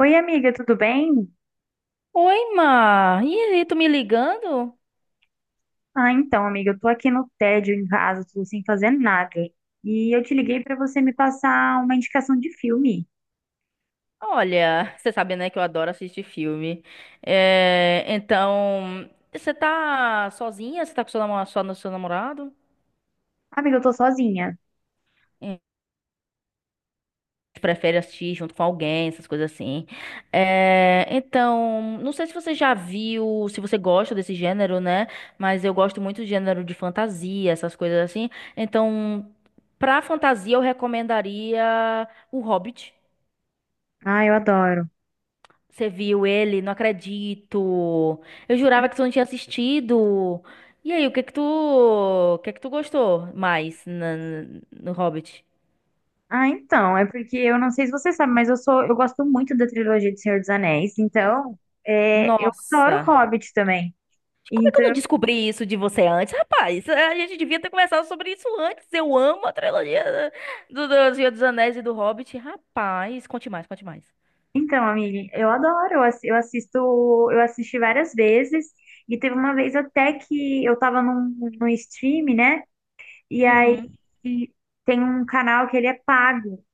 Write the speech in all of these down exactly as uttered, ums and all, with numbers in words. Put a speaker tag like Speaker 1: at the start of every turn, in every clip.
Speaker 1: Oi, amiga, tudo bem?
Speaker 2: Oi, Mar. E aí, tu me ligando?
Speaker 1: Ah, então, amiga, eu tô aqui no tédio em casa, tô sem fazer nada. E eu te liguei pra você me passar uma indicação de filme.
Speaker 2: Olha, você sabe, né, que eu adoro assistir filme. É, então, você tá sozinha? Você tá com seu namorado, só no seu namorado?
Speaker 1: Amiga, eu tô sozinha.
Speaker 2: É, prefere assistir junto com alguém, essas coisas assim. É, então, não sei se você já viu, se você gosta desse gênero, né? Mas eu gosto muito do gênero de fantasia, essas coisas assim. Então, pra fantasia, eu recomendaria O Hobbit.
Speaker 1: Ah, eu adoro.
Speaker 2: Você viu ele? Não acredito. Eu jurava que tu não tinha assistido. E aí, o que que tu, o que que tu gostou mais na- no Hobbit?
Speaker 1: Ah, então, é porque eu não sei se você sabe, mas eu sou, eu gosto muito da trilogia de Senhor dos Anéis. Então, é, eu adoro
Speaker 2: Nossa,
Speaker 1: Hobbit também.
Speaker 2: como é que eu não
Speaker 1: Então,
Speaker 2: descobri isso de você antes? Rapaz, a gente devia ter conversado sobre isso antes. Eu amo a trilogia do, do Senhor dos Anéis e do Hobbit. Rapaz, conte mais, conte mais.
Speaker 1: então, amiga, eu adoro. Eu assi- eu assisto, eu assisti várias vezes. E teve uma vez até que eu tava num, num stream, né? E aí
Speaker 2: Uhum.
Speaker 1: tem um canal que ele é pago.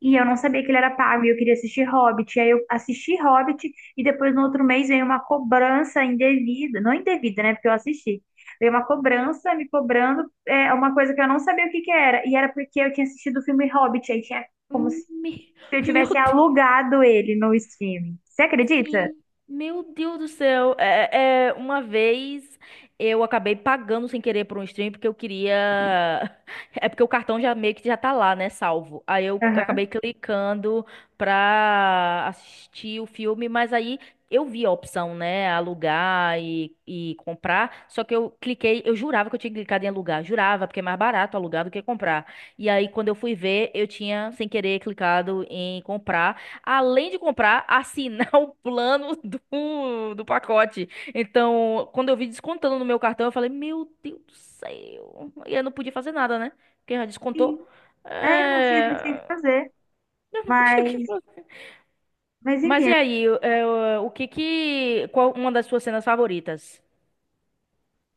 Speaker 1: E eu não sabia que ele era pago e eu queria assistir Hobbit. E aí eu assisti Hobbit e depois no outro mês veio uma cobrança indevida. Não indevida, né? Porque eu assisti. Veio uma cobrança me cobrando é, uma coisa que eu não sabia o que que era. E era porque eu tinha assistido o filme Hobbit. Aí tinha como se
Speaker 2: Hum, me-
Speaker 1: eu
Speaker 2: Meu
Speaker 1: tivesse
Speaker 2: Deus.
Speaker 1: alugado ele no streaming. Você acredita?
Speaker 2: Sim, meu Deus do céu. É, é, uma vez eu acabei pagando sem querer por um stream porque eu queria. É porque o cartão já meio que já tá lá, né? Salvo. Aí eu acabei
Speaker 1: Aham.
Speaker 2: clicando pra assistir o filme, mas aí eu vi a opção, né? Alugar e, e comprar. Só que eu cliquei, eu jurava que eu tinha clicado em alugar. Jurava, porque é mais barato alugar do que comprar. E aí, quando eu fui ver, eu tinha sem querer clicado em comprar, além de comprar, assinar o plano do, do pacote. Então, quando eu vi descontando no meu cartão, eu falei, meu Deus do céu. E eu não podia fazer nada, né? Porque já
Speaker 1: Sim.
Speaker 2: descontou.
Speaker 1: É, não tinha, não tinha o que
Speaker 2: É...
Speaker 1: fazer.
Speaker 2: Eu não podia o que
Speaker 1: Mas,
Speaker 2: fazer.
Speaker 1: mas
Speaker 2: Mas e
Speaker 1: enfim,
Speaker 2: aí, é, o que que... qual uma das suas cenas favoritas?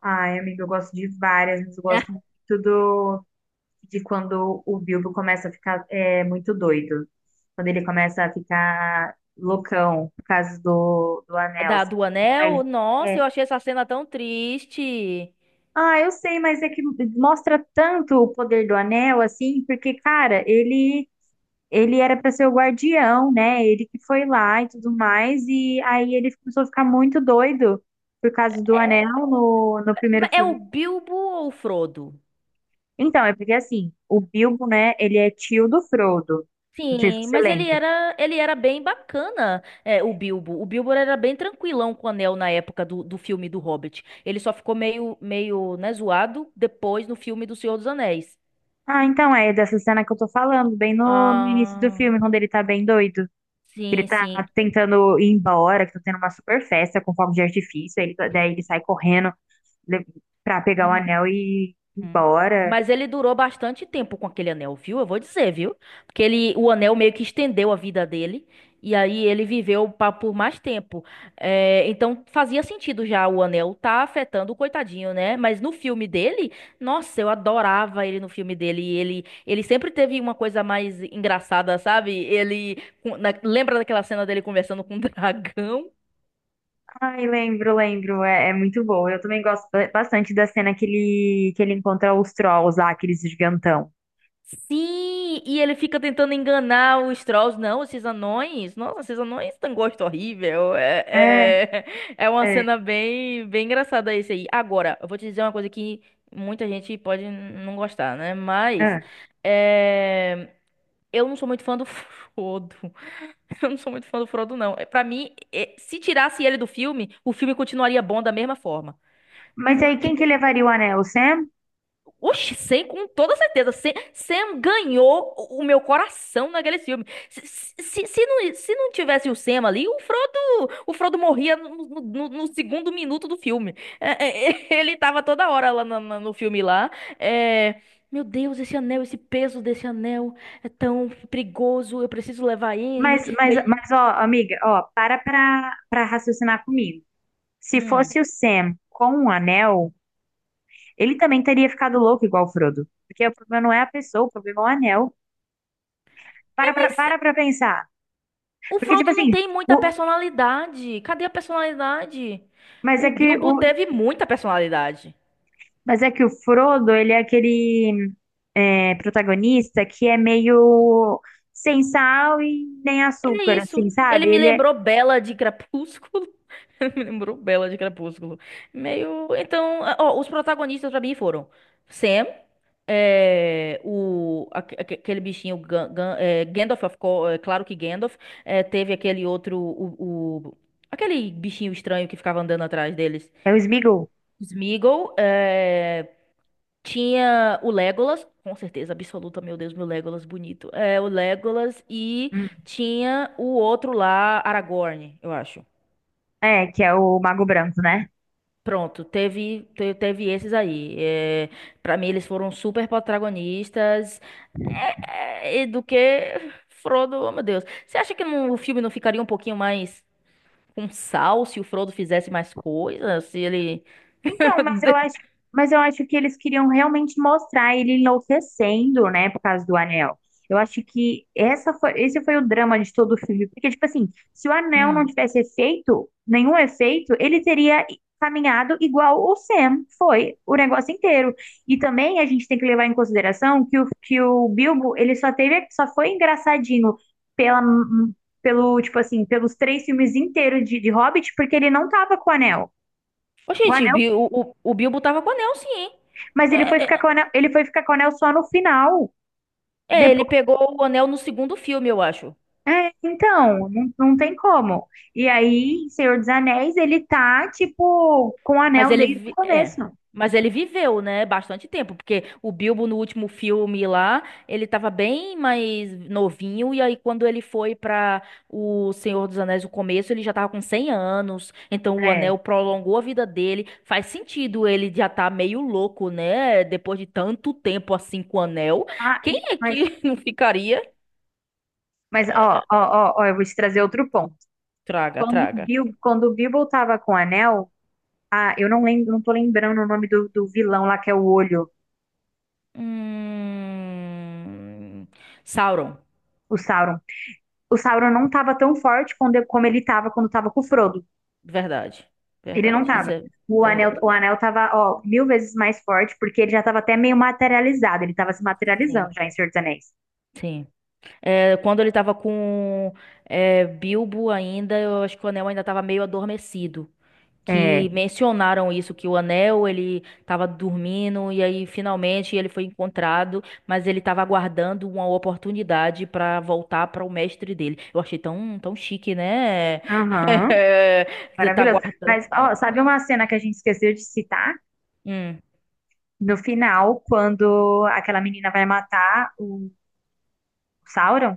Speaker 1: ai, amiga, eu gosto de várias, mas eu gosto muito do, de quando o Bilbo começa a ficar é, muito doido. Quando ele começa a ficar loucão por causa do, do
Speaker 2: Ah,
Speaker 1: anel,
Speaker 2: Da,
Speaker 1: assim.
Speaker 2: do
Speaker 1: Mas,
Speaker 2: anel? Nossa,
Speaker 1: é,
Speaker 2: eu achei essa cena tão triste.
Speaker 1: ah, eu sei, mas é que mostra tanto o poder do anel, assim, porque, cara, ele, ele era para ser o guardião, né? Ele que foi lá e tudo mais, e aí ele começou a ficar muito doido por causa do anel no, no primeiro
Speaker 2: É
Speaker 1: filme.
Speaker 2: o Bilbo ou o Frodo?
Speaker 1: Então, é porque assim, o Bilbo, né, ele é tio do Frodo. Não sei se
Speaker 2: Sim,
Speaker 1: você
Speaker 2: mas ele
Speaker 1: lembra.
Speaker 2: era, ele era bem bacana, é, o Bilbo. O Bilbo era bem tranquilão com o Anel na época do, do filme do Hobbit. Ele só ficou meio, meio, né, zoado depois no filme do Senhor dos Anéis.
Speaker 1: Ah, então é dessa cena que eu tô falando, bem no, no início do
Speaker 2: Ah,
Speaker 1: filme, quando ele tá bem doido. Que ele
Speaker 2: sim,
Speaker 1: tá
Speaker 2: sim.
Speaker 1: tentando ir embora, que tá tendo uma super festa com fogos de artifício. aí Ele, tá- daí ele sai correndo le- pra pegar o anel e ir
Speaker 2: Hum.
Speaker 1: embora.
Speaker 2: Mas ele durou bastante tempo com aquele anel, viu? Eu vou dizer, viu? Porque ele, o anel meio que estendeu a vida dele. E aí ele viveu pa- por mais tempo. É, então fazia sentido já o anel tá afetando o coitadinho, né? Mas no filme dele, nossa, eu adorava ele no filme dele. E Ele, ele sempre teve uma coisa mais engraçada, sabe? Ele com- na- lembra daquela cena dele conversando com o dragão?
Speaker 1: Ai, lembro, lembro. É, é muito bom. Eu também gosto ba- bastante da cena que ele, que ele encontra os trolls lá, aqueles gigantão.
Speaker 2: Sim, e ele fica tentando enganar os trolls. Não, esses anões. Nossa, esses anões têm um gosto horrível. É,
Speaker 1: É,
Speaker 2: é. É uma
Speaker 1: é,
Speaker 2: cena bem, bem engraçada esse aí. Agora, eu vou te dizer uma coisa que muita gente pode n- não gostar, né? Mas
Speaker 1: é.
Speaker 2: é, eu não sou muito fã do Frodo. Eu não sou muito fã do Frodo, não. É, pra mim, é, se tirasse ele do filme, o filme continuaria bom da mesma forma.
Speaker 1: Mas aí quem que levaria o anel? O Sam?
Speaker 2: Oxi, Sam, com toda certeza. Sam, Sam ganhou o o meu coração naquele filme. Se, se, se, não, se não tivesse o Sam ali, o Frodo, o Frodo morria no, no- no- no segundo minuto do filme. É, é. É, ele tava toda hora lá na- na- no, filme lá. é, Meu Deus, esse anel, esse peso desse anel é tão perigoso. Eu preciso levar ele.
Speaker 1: Mas,
Speaker 2: E
Speaker 1: mas,
Speaker 2: aí.
Speaker 1: mas, ó, amiga, ó, para pra, pra raciocinar comigo. Se
Speaker 2: Hum.
Speaker 1: fosse o Sam com um anel, ele também teria ficado louco igual o Frodo. Porque o problema não é a pessoa, o problema é o anel. Para pra, para pra pensar.
Speaker 2: O
Speaker 1: Porque, tipo
Speaker 2: Frodo não
Speaker 1: assim,
Speaker 2: tem muita
Speaker 1: o,
Speaker 2: personalidade. Cadê a personalidade?
Speaker 1: mas é
Speaker 2: O
Speaker 1: que
Speaker 2: Bilbo
Speaker 1: o,
Speaker 2: teve muita personalidade.
Speaker 1: mas é que o Frodo, ele é aquele é, protagonista que é meio sem sal e nem
Speaker 2: É
Speaker 1: açúcar,
Speaker 2: isso.
Speaker 1: assim,
Speaker 2: Ele
Speaker 1: sabe?
Speaker 2: me
Speaker 1: Ele é.
Speaker 2: lembrou Bella de Crepúsculo. Ele me lembrou Bella de Crepúsculo. Meio. Então, ó, os protagonistas pra mim foram Sam, é, o, aque- aque- aquele bichinho Gan- Gan- é, Gandalf, of co- é, claro que Gandalf. É, teve aquele outro. O, o- aquele bichinho estranho que ficava andando atrás deles.
Speaker 1: É o Sméagol.
Speaker 2: Sméagol. É, tinha o Legolas, com certeza absoluta, meu Deus, meu Legolas bonito. É, o Legolas e
Speaker 1: Hum.
Speaker 2: tinha o outro lá, Aragorn, eu acho.
Speaker 1: É, que é o Mago Branco, né?
Speaker 2: Pronto, teve, te- teve esses aí. É, para mim, eles foram super protagonistas. É, é, e do que Frodo, oh meu Deus. Você acha que não- o filme não ficaria um pouquinho mais com sal se o Frodo fizesse mais coisas? Se ele.
Speaker 1: Então, mas eu acho, mas eu acho que eles queriam realmente mostrar ele enlouquecendo, né, por causa do anel. Eu acho que essa foi, esse foi o drama de todo o filme, porque tipo assim, se o anel não
Speaker 2: Hum.
Speaker 1: tivesse efeito, nenhum efeito, ele teria caminhado igual o Sam foi o negócio inteiro. E também a gente tem que levar em consideração que o, que o Bilbo, ele só teve, só foi engraçadinho pela pelo, tipo assim, pelos três filmes inteiros de, de Hobbit, porque ele não tava com o anel.
Speaker 2: Ô, gente, Bi- o, o, o Bilbo tava com anel, sim, hein?
Speaker 1: Mas ele foi
Speaker 2: É,
Speaker 1: ficar com o anel, ele foi ficar com o anel só no final.
Speaker 2: É, ele
Speaker 1: Depois,
Speaker 2: pegou o anel no segundo filme, eu acho.
Speaker 1: é, então, não, não tem como. E aí, em Senhor dos Anéis, ele tá, tipo, com o
Speaker 2: Mas
Speaker 1: anel
Speaker 2: ele,
Speaker 1: desde o
Speaker 2: vi- é,
Speaker 1: começo.
Speaker 2: mas ele viveu, né, bastante tempo, porque o Bilbo no último filme lá, ele tava bem mais novinho e aí quando ele foi pra o Senhor dos Anéis no começo, ele já tava com cem anos. Então o
Speaker 1: É.
Speaker 2: anel prolongou a vida dele. Faz sentido ele já tá meio louco, né, depois de tanto tempo assim com o anel.
Speaker 1: Ah,
Speaker 2: Quem
Speaker 1: e-
Speaker 2: é
Speaker 1: mas,
Speaker 2: que não ficaria?
Speaker 1: mas ó, ó, ó, ó, eu vou te trazer outro ponto.
Speaker 2: Traga,
Speaker 1: Quando o
Speaker 2: traga.
Speaker 1: Bil, quando o Bilbo tava com o anel, ah, eu não lembro, não tô lembrando o nome do, do vilão lá, que é o olho,
Speaker 2: Hum... Sauron.
Speaker 1: o Sauron. O Sauron não tava tão forte quando, como ele tava quando tava com o Frodo.
Speaker 2: Verdade,
Speaker 1: Ele não
Speaker 2: verdade. Isso
Speaker 1: tava.
Speaker 2: é,
Speaker 1: O
Speaker 2: isso é
Speaker 1: anel,
Speaker 2: verdade.
Speaker 1: o anel tava, ó, mil vezes mais forte, porque ele já tava até meio materializado. Ele tava se
Speaker 2: Sim,
Speaker 1: materializando já em Senhor dos Anéis.
Speaker 2: sim. É, quando ele tava com é, Bilbo ainda, eu acho que o Anel ainda tava meio adormecido. Que
Speaker 1: É.
Speaker 2: mencionaram isso, que o Anel, ele tava dormindo e aí finalmente ele foi encontrado, mas ele tava aguardando uma oportunidade pra voltar para o mestre dele. Eu achei tão, tão chique, né?
Speaker 1: Aham.
Speaker 2: Você tá
Speaker 1: Maravilhoso.
Speaker 2: aguardando.
Speaker 1: Mas, ó, sabe uma cena que a gente esqueceu de citar?
Speaker 2: Hum,
Speaker 1: No final, quando aquela menina vai matar o Sauron,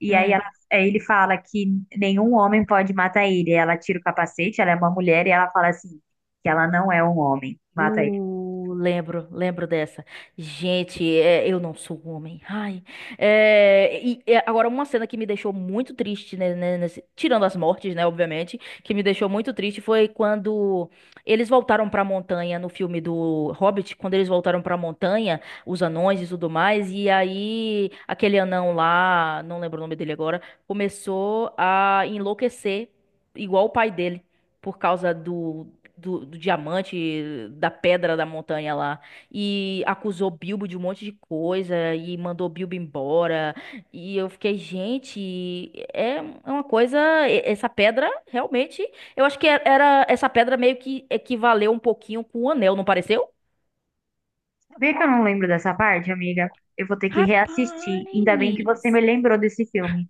Speaker 1: e aí
Speaker 2: hum.
Speaker 1: ela- aí ele fala que nenhum homem pode matar ele. Ela tira o capacete, ela é uma mulher, e ela fala assim, que ela não é um homem. Mata.
Speaker 2: Uh, lembro, lembro dessa. Gente, é, eu não sou homem. Ai. É, e, é, agora, uma cena que me deixou muito triste, né, né, nesse- tirando as mortes, né, obviamente, que me deixou muito triste foi quando eles voltaram pra montanha no filme do Hobbit, quando eles voltaram pra montanha, os anões e tudo mais, e aí aquele anão lá, não lembro o nome dele agora, começou a enlouquecer, igual o pai dele. Por causa do, do, do diamante, da pedra da montanha lá. E acusou Bilbo de um monte de coisa e mandou Bilbo embora. E eu fiquei, gente, é é uma coisa. e- Essa pedra realmente. Eu acho que era era- essa pedra meio que equivaleu um pouquinho com o anel, não pareceu?
Speaker 1: Sabia que eu não lembro dessa parte, amiga? Eu vou ter que reassistir. Ainda bem que
Speaker 2: Rapaz!
Speaker 1: você me lembrou desse filme.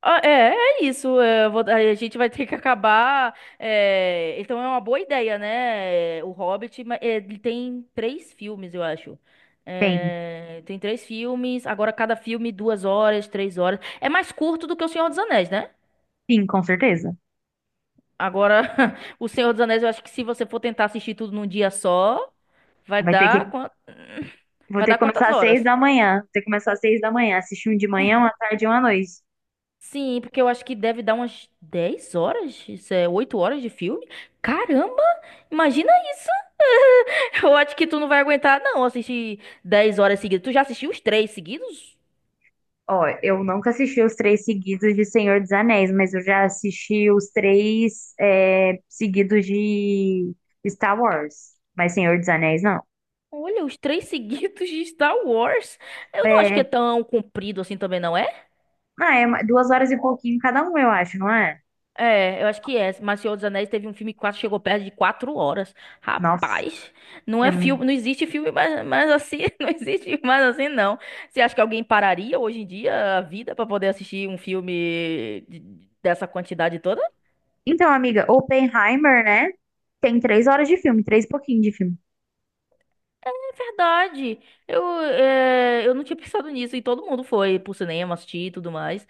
Speaker 2: Ah, É, é isso. É, eu vou- a gente vai ter que acabar. É, então é uma boa ideia, né? é, O Hobbit, ma- é, ele tem três filmes, eu acho.
Speaker 1: Tem,
Speaker 2: É, tem três filmes. Agora cada filme duas horas, três horas. É mais curto do que O Senhor dos Anéis, né?
Speaker 1: sim, com certeza.
Speaker 2: Agora O Senhor dos Anéis, eu acho que se você for tentar assistir tudo num dia só, vai
Speaker 1: Vai ter que,
Speaker 2: dar quan-
Speaker 1: vou
Speaker 2: vai
Speaker 1: ter
Speaker 2: dar
Speaker 1: que começar
Speaker 2: quantas
Speaker 1: às seis
Speaker 2: horas?
Speaker 1: da manhã. Vou ter que começar às seis da manhã. Assistir um de manhã, uma tarde e uma noite.
Speaker 2: Sim, porque eu acho que deve dar umas dez horas, isso é oito horas de filme. Caramba, imagina isso. Eu acho que tu não vai aguentar, não, assistir dez horas seguidas. Tu já assistiu os três seguidos?
Speaker 1: Ó, eu nunca assisti os três seguidos de Senhor dos Anéis, mas eu já assisti os três é, seguidos de Star Wars. Mas Senhor dos Anéis, não.
Speaker 2: Olha, os três seguidos de Star Wars. Eu não acho
Speaker 1: É,
Speaker 2: que é tão comprido assim também, não é?
Speaker 1: ah, é uma- duas horas e pouquinho cada um, eu acho, não é?
Speaker 2: É, eu acho que é. Mas Senhor dos Anéis teve um filme que quase chegou perto de quatro horas.
Speaker 1: Nossa,
Speaker 2: Rapaz, não é
Speaker 1: é, mu-
Speaker 2: filme, não existe filme mais, mais assim, não existe mais assim, não. Você acha que alguém pararia hoje em dia a vida pra poder assistir um filme de- dessa quantidade toda?
Speaker 1: Então, amiga, Oppenheimer, né? Tem três horas de filme, três e pouquinho de filme.
Speaker 2: É verdade. Eu, é, eu não tinha pensado nisso e todo mundo foi pro cinema assistir e tudo mais.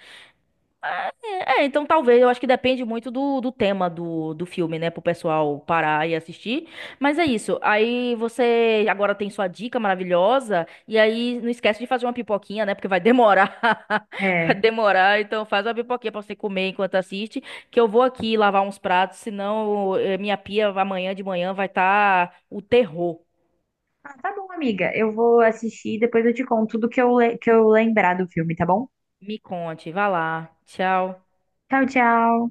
Speaker 2: É, então talvez, eu acho que depende muito do, do tema do, do filme, né? Pro pessoal parar e assistir. Mas é isso. Aí você agora tem sua dica maravilhosa. E aí não esquece de fazer uma pipoquinha, né? Porque vai demorar. Vai
Speaker 1: É.
Speaker 2: demorar. Então faz uma pipoquinha pra você comer enquanto assiste. Que eu vou aqui lavar uns pratos. Senão eh, minha pia amanhã de manhã vai estar o terror.
Speaker 1: Ah, tá bom, amiga. Eu vou assistir e depois eu te conto tudo que eu, le- que eu lembrar do filme, tá bom?
Speaker 2: Me conte. Vai lá. Tchau.
Speaker 1: Tchau, tchau.